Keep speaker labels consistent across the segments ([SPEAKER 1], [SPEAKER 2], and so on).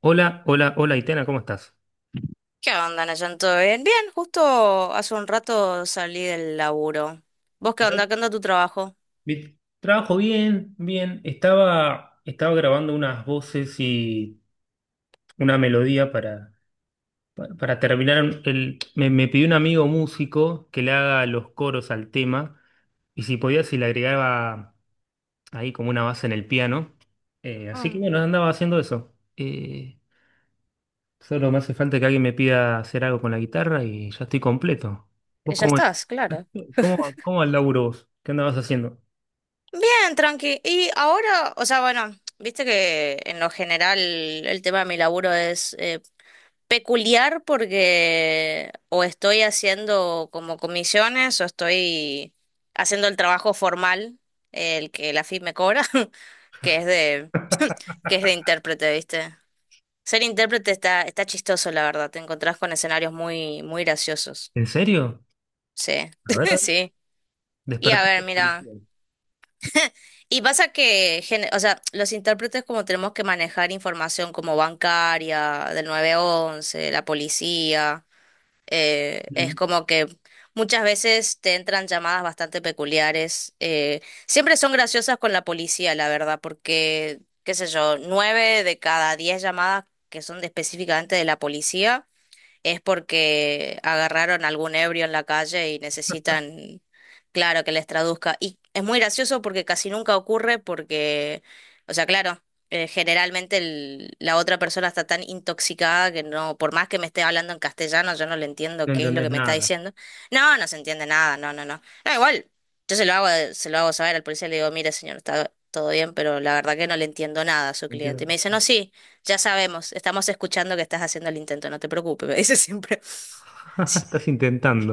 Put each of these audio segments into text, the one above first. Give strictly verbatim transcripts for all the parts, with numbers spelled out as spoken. [SPEAKER 1] Hola, hola, hola, Itena, ¿cómo estás?
[SPEAKER 2] ¿Qué onda, Nayan? ¿Todo bien? Bien, justo hace un rato salí del laburo. ¿Vos qué onda? ¿Qué onda tu trabajo?
[SPEAKER 1] Vi- Trabajo bien, bien. Estaba, estaba grabando unas voces y una melodía para, pa- para terminar. El, me, me pidió un amigo músico que le haga los coros al tema y si podía, si le agregaba ahí como una base en el piano. Eh, así que
[SPEAKER 2] Mm.
[SPEAKER 1] bueno, andaba haciendo eso. Eh, solo me hace falta que alguien me pida hacer algo con la guitarra y ya estoy completo.
[SPEAKER 2] Eh,
[SPEAKER 1] ¿Vos
[SPEAKER 2] Ya
[SPEAKER 1] cómo,
[SPEAKER 2] estás, claro.
[SPEAKER 1] cómo, cómo al laburo vos? ¿Qué andabas haciendo?
[SPEAKER 2] Bien, tranqui. Y ahora, o sea, bueno, viste que en lo general el tema de mi laburo es eh, peculiar porque o estoy haciendo como comisiones o estoy haciendo el trabajo formal, el que la F I P me cobra, que es de, que es de intérprete, ¿viste? Ser intérprete está, está chistoso, la verdad. Te encontrás con escenarios muy, muy graciosos.
[SPEAKER 1] ¿En serio?
[SPEAKER 2] Sí,
[SPEAKER 1] A ver, a ver,
[SPEAKER 2] sí. Y a
[SPEAKER 1] despertaste
[SPEAKER 2] ver,
[SPEAKER 1] la
[SPEAKER 2] mira.
[SPEAKER 1] curiosidad.
[SPEAKER 2] Y pasa que, gen- o sea, los intérpretes como tenemos que manejar información como bancaria, del nueve once la policía, eh, es
[SPEAKER 1] Mm.
[SPEAKER 2] como que muchas veces te entran llamadas bastante peculiares. eh, siempre son graciosas con la policía, la verdad, porque, qué sé yo, nueve de cada diez llamadas que son de- específicamente de la policía es porque agarraron algún ebrio en la calle y necesitan, claro, que les traduzca. Y es muy gracioso porque casi nunca ocurre porque, o sea, claro, eh, generalmente el- la otra persona está tan intoxicada que no, por más que me esté hablando en castellano, yo no le entiendo
[SPEAKER 1] No
[SPEAKER 2] qué es lo
[SPEAKER 1] entendés
[SPEAKER 2] que me está
[SPEAKER 1] nada.
[SPEAKER 2] diciendo. No, no se entiende nada, no, no, no. No, igual, yo se lo hago, se lo hago saber al policía, le digo, mire, señor, está todo bien, pero la verdad que no le entiendo nada a su cliente.
[SPEAKER 1] Entiendo.
[SPEAKER 2] Y me dice, no, sí. Ya sabemos, estamos escuchando que estás haciendo el intento, no te preocupes, me dice siempre. Sí,
[SPEAKER 1] Estás intentando.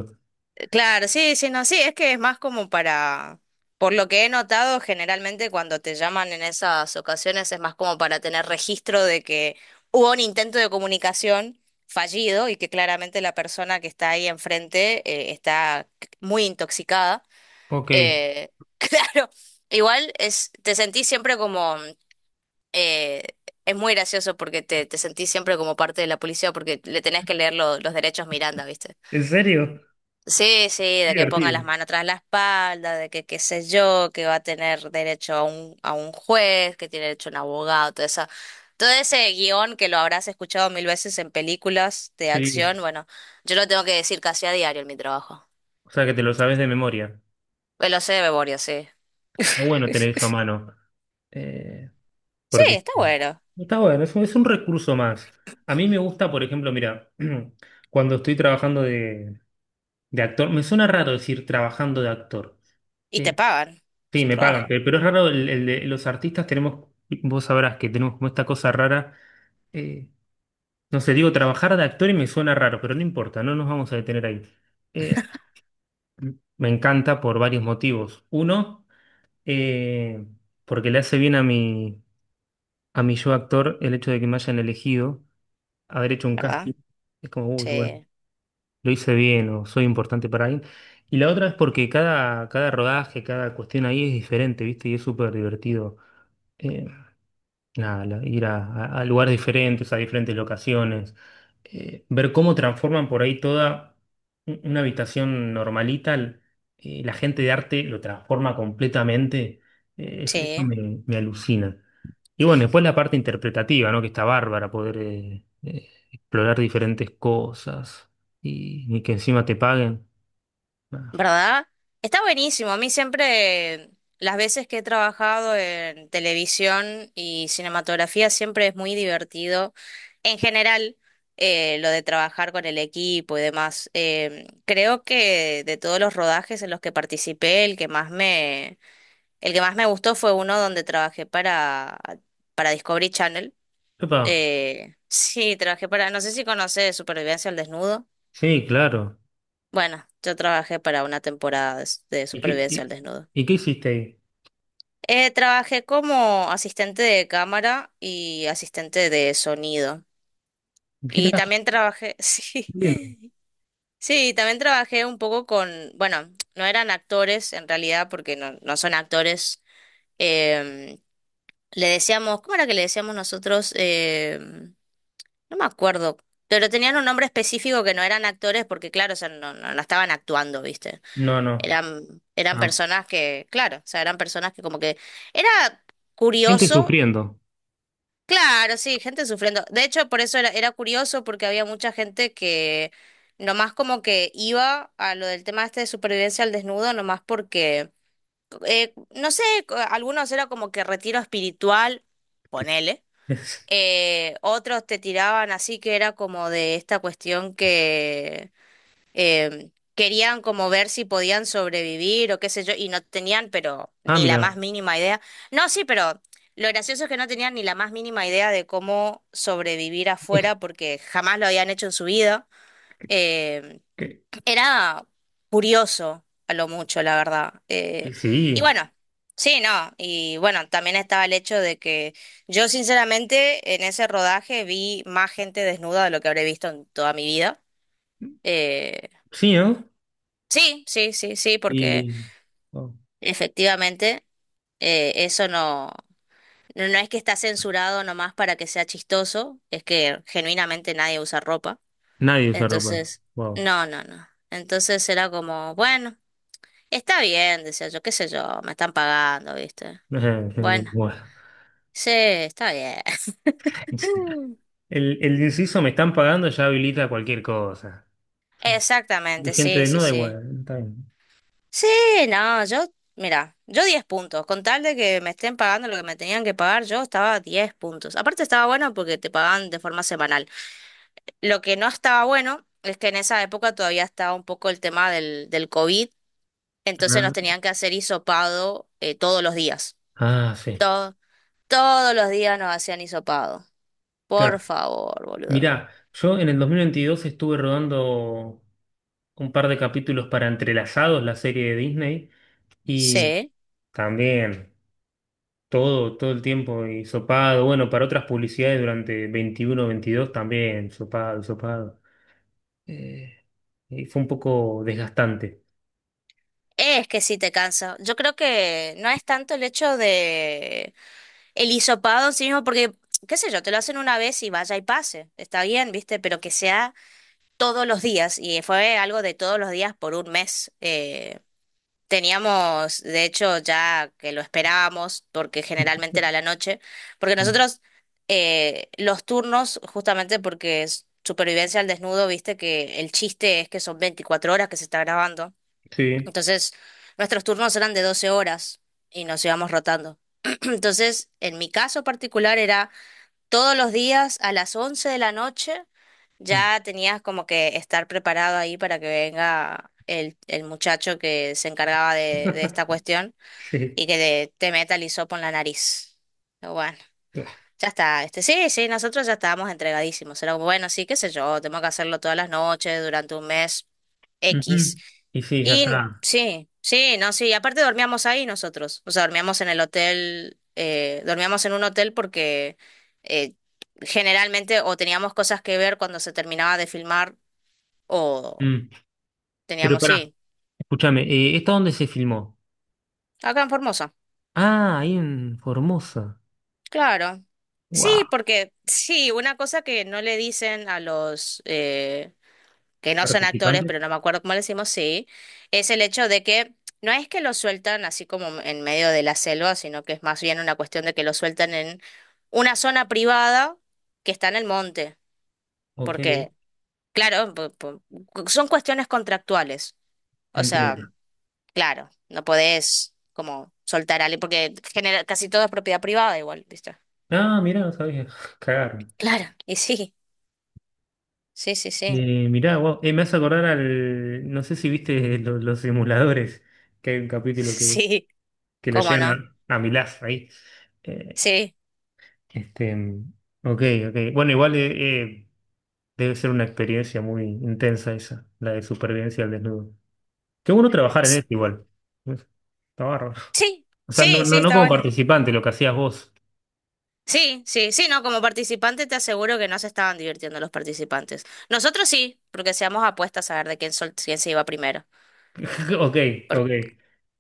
[SPEAKER 2] eh, claro, sí, sí, no, sí, es que es más como para, por lo que he notado, generalmente cuando te llaman en esas ocasiones es más como para tener registro de que hubo un intento de comunicación fallido y que claramente la persona que está ahí enfrente eh, está muy intoxicada.
[SPEAKER 1] Ok.
[SPEAKER 2] Eh, claro, igual es, te sentís siempre como eh, es muy gracioso porque te, te sentís siempre como parte de la policía porque le tenés que leer lo- los derechos Miranda, ¿viste?
[SPEAKER 1] ¿En serio?
[SPEAKER 2] Sí, sí,
[SPEAKER 1] Qué
[SPEAKER 2] de que ponga las
[SPEAKER 1] divertido.
[SPEAKER 2] manos tras la espalda, de que qué sé yo, que va a tener derecho a un, a un juez, que tiene derecho a un abogado, todo eso. Todo ese guión que lo habrás escuchado mil veces en películas de
[SPEAKER 1] Sí.
[SPEAKER 2] acción, bueno, yo lo tengo que decir casi a diario en mi trabajo.
[SPEAKER 1] O sea que te lo sabes de memoria.
[SPEAKER 2] Me Lo sé de memoria, sí.
[SPEAKER 1] Está bueno tener eso a mano. Eh,
[SPEAKER 2] Sí,
[SPEAKER 1] porque
[SPEAKER 2] está bueno.
[SPEAKER 1] está bueno, es un, es un recurso más. A mí me gusta, por ejemplo, mira, cuando estoy trabajando de, de actor, me suena raro decir trabajando de actor.
[SPEAKER 2] Y te
[SPEAKER 1] Eh,
[SPEAKER 2] pagan. Es
[SPEAKER 1] sí,
[SPEAKER 2] un
[SPEAKER 1] me pagan,
[SPEAKER 2] trabajo,
[SPEAKER 1] pe- pero, es raro, el- el de- los artistas tenemos, vos sabrás que tenemos como esta cosa rara. eh, No sé, digo, trabajar de actor y me suena raro, pero no importa, no nos vamos a detener ahí. Eh, me encanta por varios motivos. Uno, eh, porque le hace bien a mi, a mi yo actor el hecho de que me hayan elegido, haber hecho un casting.
[SPEAKER 2] ¿verdad?
[SPEAKER 1] Es como, uy, bueno,
[SPEAKER 2] Sí,
[SPEAKER 1] lo hice bien o soy importante para alguien. Y la otra es porque cada, cada rodaje, cada cuestión ahí es diferente, ¿viste? Y es súper divertido. la- la- ir a, a- a lugares diferentes, a diferentes locaciones, eh, ver cómo transforman por ahí toda un- una habitación normalita, l- eh, la gente de arte lo transforma completamente, eh, es- eso
[SPEAKER 2] sí.
[SPEAKER 1] me, me alucina. Y bueno, después la parte interpretativa, ¿no? Que está bárbara, poder eh, eh, explorar diferentes cosas y, y que encima te paguen. Ah,
[SPEAKER 2] ¿Verdad? Está buenísimo. A mí siempre, las veces que he trabajado en televisión y cinematografía, siempre es muy divertido. En general, eh, lo de trabajar con el equipo y demás. Eh, creo que de todos los rodajes en los que participé, el que más me, el que más me gustó fue uno donde trabajé para, para Discovery Channel.
[SPEAKER 1] epa,
[SPEAKER 2] Eh, sí, trabajé para, no sé si conoces Supervivencia al Desnudo.
[SPEAKER 1] sí, claro.
[SPEAKER 2] Bueno, yo trabajé para una temporada de, s- de
[SPEAKER 1] ¿Y qué,
[SPEAKER 2] supervivencia al
[SPEAKER 1] y,
[SPEAKER 2] desnudo.
[SPEAKER 1] y qué hiciste ahí?
[SPEAKER 2] Eh, trabajé como asistente de cámara y asistente de sonido. Y también trabajé, sí,
[SPEAKER 1] Mira, lindo.
[SPEAKER 2] sí, también trabajé un poco con, bueno, no eran actores en realidad porque no, no son actores. Em, le decíamos, ¿cómo era que le decíamos nosotros? Em, no me acuerdo, pero tenían un nombre específico que no eran actores porque claro, o sea, no, no no estaban actuando, ¿viste?
[SPEAKER 1] No,
[SPEAKER 2] Eran, eran
[SPEAKER 1] no.
[SPEAKER 2] personas que, claro, o sea, eran personas que como que era
[SPEAKER 1] Gente
[SPEAKER 2] curioso,
[SPEAKER 1] sufriendo.
[SPEAKER 2] claro, sí, gente sufriendo. De hecho, por eso era, era curioso porque había mucha gente que nomás como que iba a lo del tema este de supervivencia al desnudo, nomás porque, eh, no sé, co- algunos era como que retiro espiritual, ponele.
[SPEAKER 1] Es-
[SPEAKER 2] eh, otros te tiraban así que era como de esta cuestión que eh, querían como ver si podían sobrevivir o qué sé yo, y no tenían, pero
[SPEAKER 1] Ah,
[SPEAKER 2] ni la más
[SPEAKER 1] mira.
[SPEAKER 2] mínima idea. No, sí, pero lo gracioso es que no tenían ni la más mínima idea de cómo sobrevivir afuera porque jamás lo habían hecho en su vida. Eh,
[SPEAKER 1] Que-
[SPEAKER 2] era curioso a lo mucho, la verdad.
[SPEAKER 1] que
[SPEAKER 2] Eh, y
[SPEAKER 1] Sí,
[SPEAKER 2] bueno. Sí, no, y bueno, también estaba el hecho de que yo sinceramente en ese rodaje vi más gente desnuda de lo que habré visto en toda mi vida. Eh,
[SPEAKER 1] sí, ¿no?
[SPEAKER 2] Sí, sí, sí, sí, porque
[SPEAKER 1] Y wow,
[SPEAKER 2] efectivamente eh, eso no, no, no es que está censurado nomás para que sea chistoso, es que genuinamente nadie usa ropa.
[SPEAKER 1] nadie usa ropa.
[SPEAKER 2] Entonces,
[SPEAKER 1] Wow.
[SPEAKER 2] no, no, no. Entonces era como, bueno, está bien, decía yo, qué sé yo, me están pagando, ¿viste? Bueno,
[SPEAKER 1] Bueno.
[SPEAKER 2] sí, está bien.
[SPEAKER 1] El, el inciso me están pagando ya habilita cualquier cosa. De
[SPEAKER 2] Exactamente,
[SPEAKER 1] gente
[SPEAKER 2] sí, sí,
[SPEAKER 1] desnuda
[SPEAKER 2] sí.
[SPEAKER 1] igual. Está bien.
[SPEAKER 2] Sí, no, yo, mira, yo diez puntos. Con tal de que me estén pagando lo que me tenían que pagar, yo estaba a diez puntos. Aparte estaba bueno porque te pagaban de forma semanal. Lo que no estaba bueno es que en esa época todavía estaba un poco el tema del, del COVID, entonces nos tenían que hacer hisopado eh, todos los días.
[SPEAKER 1] Ah, ah, sí.
[SPEAKER 2] To- todos los días nos hacían hisopado. Por
[SPEAKER 1] Claro.
[SPEAKER 2] favor, boludo.
[SPEAKER 1] Mirá, yo en el dos mil veintidós estuve rodando un par de capítulos para Entrelazados, la serie de Disney, y
[SPEAKER 2] Sí.
[SPEAKER 1] también. Todo, todo el tiempo, y sopado. Bueno, para otras publicidades durante veintiuno veintidós también, sopado, sopado. Eh, y fue un poco desgastante.
[SPEAKER 2] Es que sí te cansa. Yo creo que no es tanto el hecho El hisopado en sí mismo, porque, qué sé yo, te lo hacen una vez y vaya y pase. Está bien, ¿viste? Pero que sea todos los días. Y fue algo de todos los días por un mes. Eh, teníamos, de hecho, ya que lo esperábamos, porque generalmente era la noche, porque
[SPEAKER 1] Mm.
[SPEAKER 2] nosotros eh, los turnos, justamente porque es supervivencia al desnudo, ¿viste? Que el chiste es que son veinticuatro horas que se está grabando.
[SPEAKER 1] Sí.
[SPEAKER 2] Entonces, nuestros turnos eran de doce horas y nos íbamos rotando. Entonces, en mi caso particular era todos los días a las once de la noche,
[SPEAKER 1] Mm.
[SPEAKER 2] ya tenías como que estar preparado ahí para que venga el, el muchacho que se encargaba de, de esta cuestión
[SPEAKER 1] Sí.
[SPEAKER 2] y que te te meta el hisopo en la nariz. Pero Bueno. Ya está, este, sí, sí, nosotros ya estábamos entregadísimos. Era como, bueno, sí, qué sé yo, tengo que hacerlo todas las noches durante un mes X.
[SPEAKER 1] Ujú. Y sí, ya
[SPEAKER 2] Y
[SPEAKER 1] está.
[SPEAKER 2] sí, sí, no, sí, aparte dormíamos ahí nosotros. O sea, dormíamos en el hotel, eh, dormíamos en un hotel porque eh, generalmente o teníamos cosas que ver cuando se terminaba de filmar o
[SPEAKER 1] Mm. Pero
[SPEAKER 2] teníamos,
[SPEAKER 1] pará,
[SPEAKER 2] sí,
[SPEAKER 1] escúchame, eh, ¿esta dónde se filmó?
[SPEAKER 2] acá en Formosa.
[SPEAKER 1] Ah, ahí en Formosa.
[SPEAKER 2] Claro. Sí,
[SPEAKER 1] Wow.
[SPEAKER 2] porque sí, una cosa que no le dicen a los eh, que no son actores,
[SPEAKER 1] ¿Participante?
[SPEAKER 2] pero no me acuerdo cómo le decimos, sí, es el hecho de que no es que lo sueltan así como en medio de la selva, sino que es más bien una cuestión de que lo sueltan en una zona privada que está en el monte,
[SPEAKER 1] Ok,
[SPEAKER 2] porque, claro, po- po- son cuestiones contractuales. O sea,
[SPEAKER 1] entiendo.
[SPEAKER 2] claro, no podés como soltar a alguien, porque genera, casi todo es propiedad privada igual, ¿viste?
[SPEAKER 1] Ah, mirá, no sabía. Cagaron.
[SPEAKER 2] Claro, y sí, sí, sí, sí,
[SPEAKER 1] Eh, mirá, vos, eh, me hace acordar al. No sé si viste lo- los, simuladores, que hay un capítulo que,
[SPEAKER 2] sí,
[SPEAKER 1] que lo
[SPEAKER 2] cómo
[SPEAKER 1] llegan
[SPEAKER 2] no,
[SPEAKER 1] a, a Milaz ahí. Eh,
[SPEAKER 2] sí,
[SPEAKER 1] este, mm, ok, ok. Bueno, igual eh, eh, debe ser una experiencia muy intensa esa, la de supervivencia al desnudo. Qué bueno trabajar en
[SPEAKER 2] es-
[SPEAKER 1] eso igual. Está bárbaro.
[SPEAKER 2] sí,
[SPEAKER 1] O sea, no,
[SPEAKER 2] sí, sí,
[SPEAKER 1] no, no
[SPEAKER 2] está
[SPEAKER 1] como
[SPEAKER 2] bueno.
[SPEAKER 1] participante, lo que hacías vos.
[SPEAKER 2] Sí, sí, sí, no, como participante te aseguro que no se estaban divirtiendo los participantes. Nosotros sí, porque hacíamos apuestas a ver de quién, sol- quién se iba primero.
[SPEAKER 1] Ok,
[SPEAKER 2] Por-
[SPEAKER 1] ok.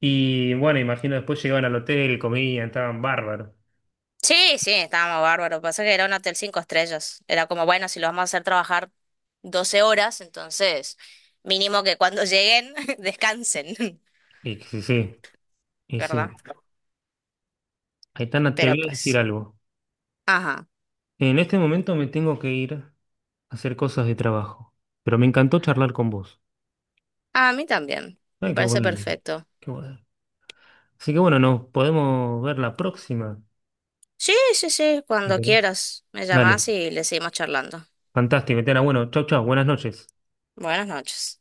[SPEAKER 1] Y bueno, imagino después llegaban al hotel, comían, estaban bárbaros.
[SPEAKER 2] Sí, sí, estábamos bárbaros. Pasa que era un hotel cinco estrellas. Era como, bueno, si lo vamos a hacer trabajar doce horas, entonces mínimo que cuando lleguen descansen,
[SPEAKER 1] Y sí, sí, y sí.
[SPEAKER 2] ¿verdad?
[SPEAKER 1] Aitana, te
[SPEAKER 2] Pero
[SPEAKER 1] voy a decir
[SPEAKER 2] pues,
[SPEAKER 1] algo.
[SPEAKER 2] ajá.
[SPEAKER 1] En este momento me tengo que ir a hacer cosas de trabajo, pero me encantó charlar con vos.
[SPEAKER 2] A mí también,
[SPEAKER 1] Ay,
[SPEAKER 2] me
[SPEAKER 1] qué
[SPEAKER 2] parece
[SPEAKER 1] bueno,
[SPEAKER 2] perfecto.
[SPEAKER 1] qué bueno. Así que bueno, nos podemos ver la próxima.
[SPEAKER 2] Sí, sí, sí,
[SPEAKER 1] ¿Te
[SPEAKER 2] cuando
[SPEAKER 1] acordás?
[SPEAKER 2] quieras, me
[SPEAKER 1] Dale,
[SPEAKER 2] llamás y le seguimos charlando.
[SPEAKER 1] fantástico, Aitana. Bueno, chau, chau, buenas noches.
[SPEAKER 2] Buenas noches.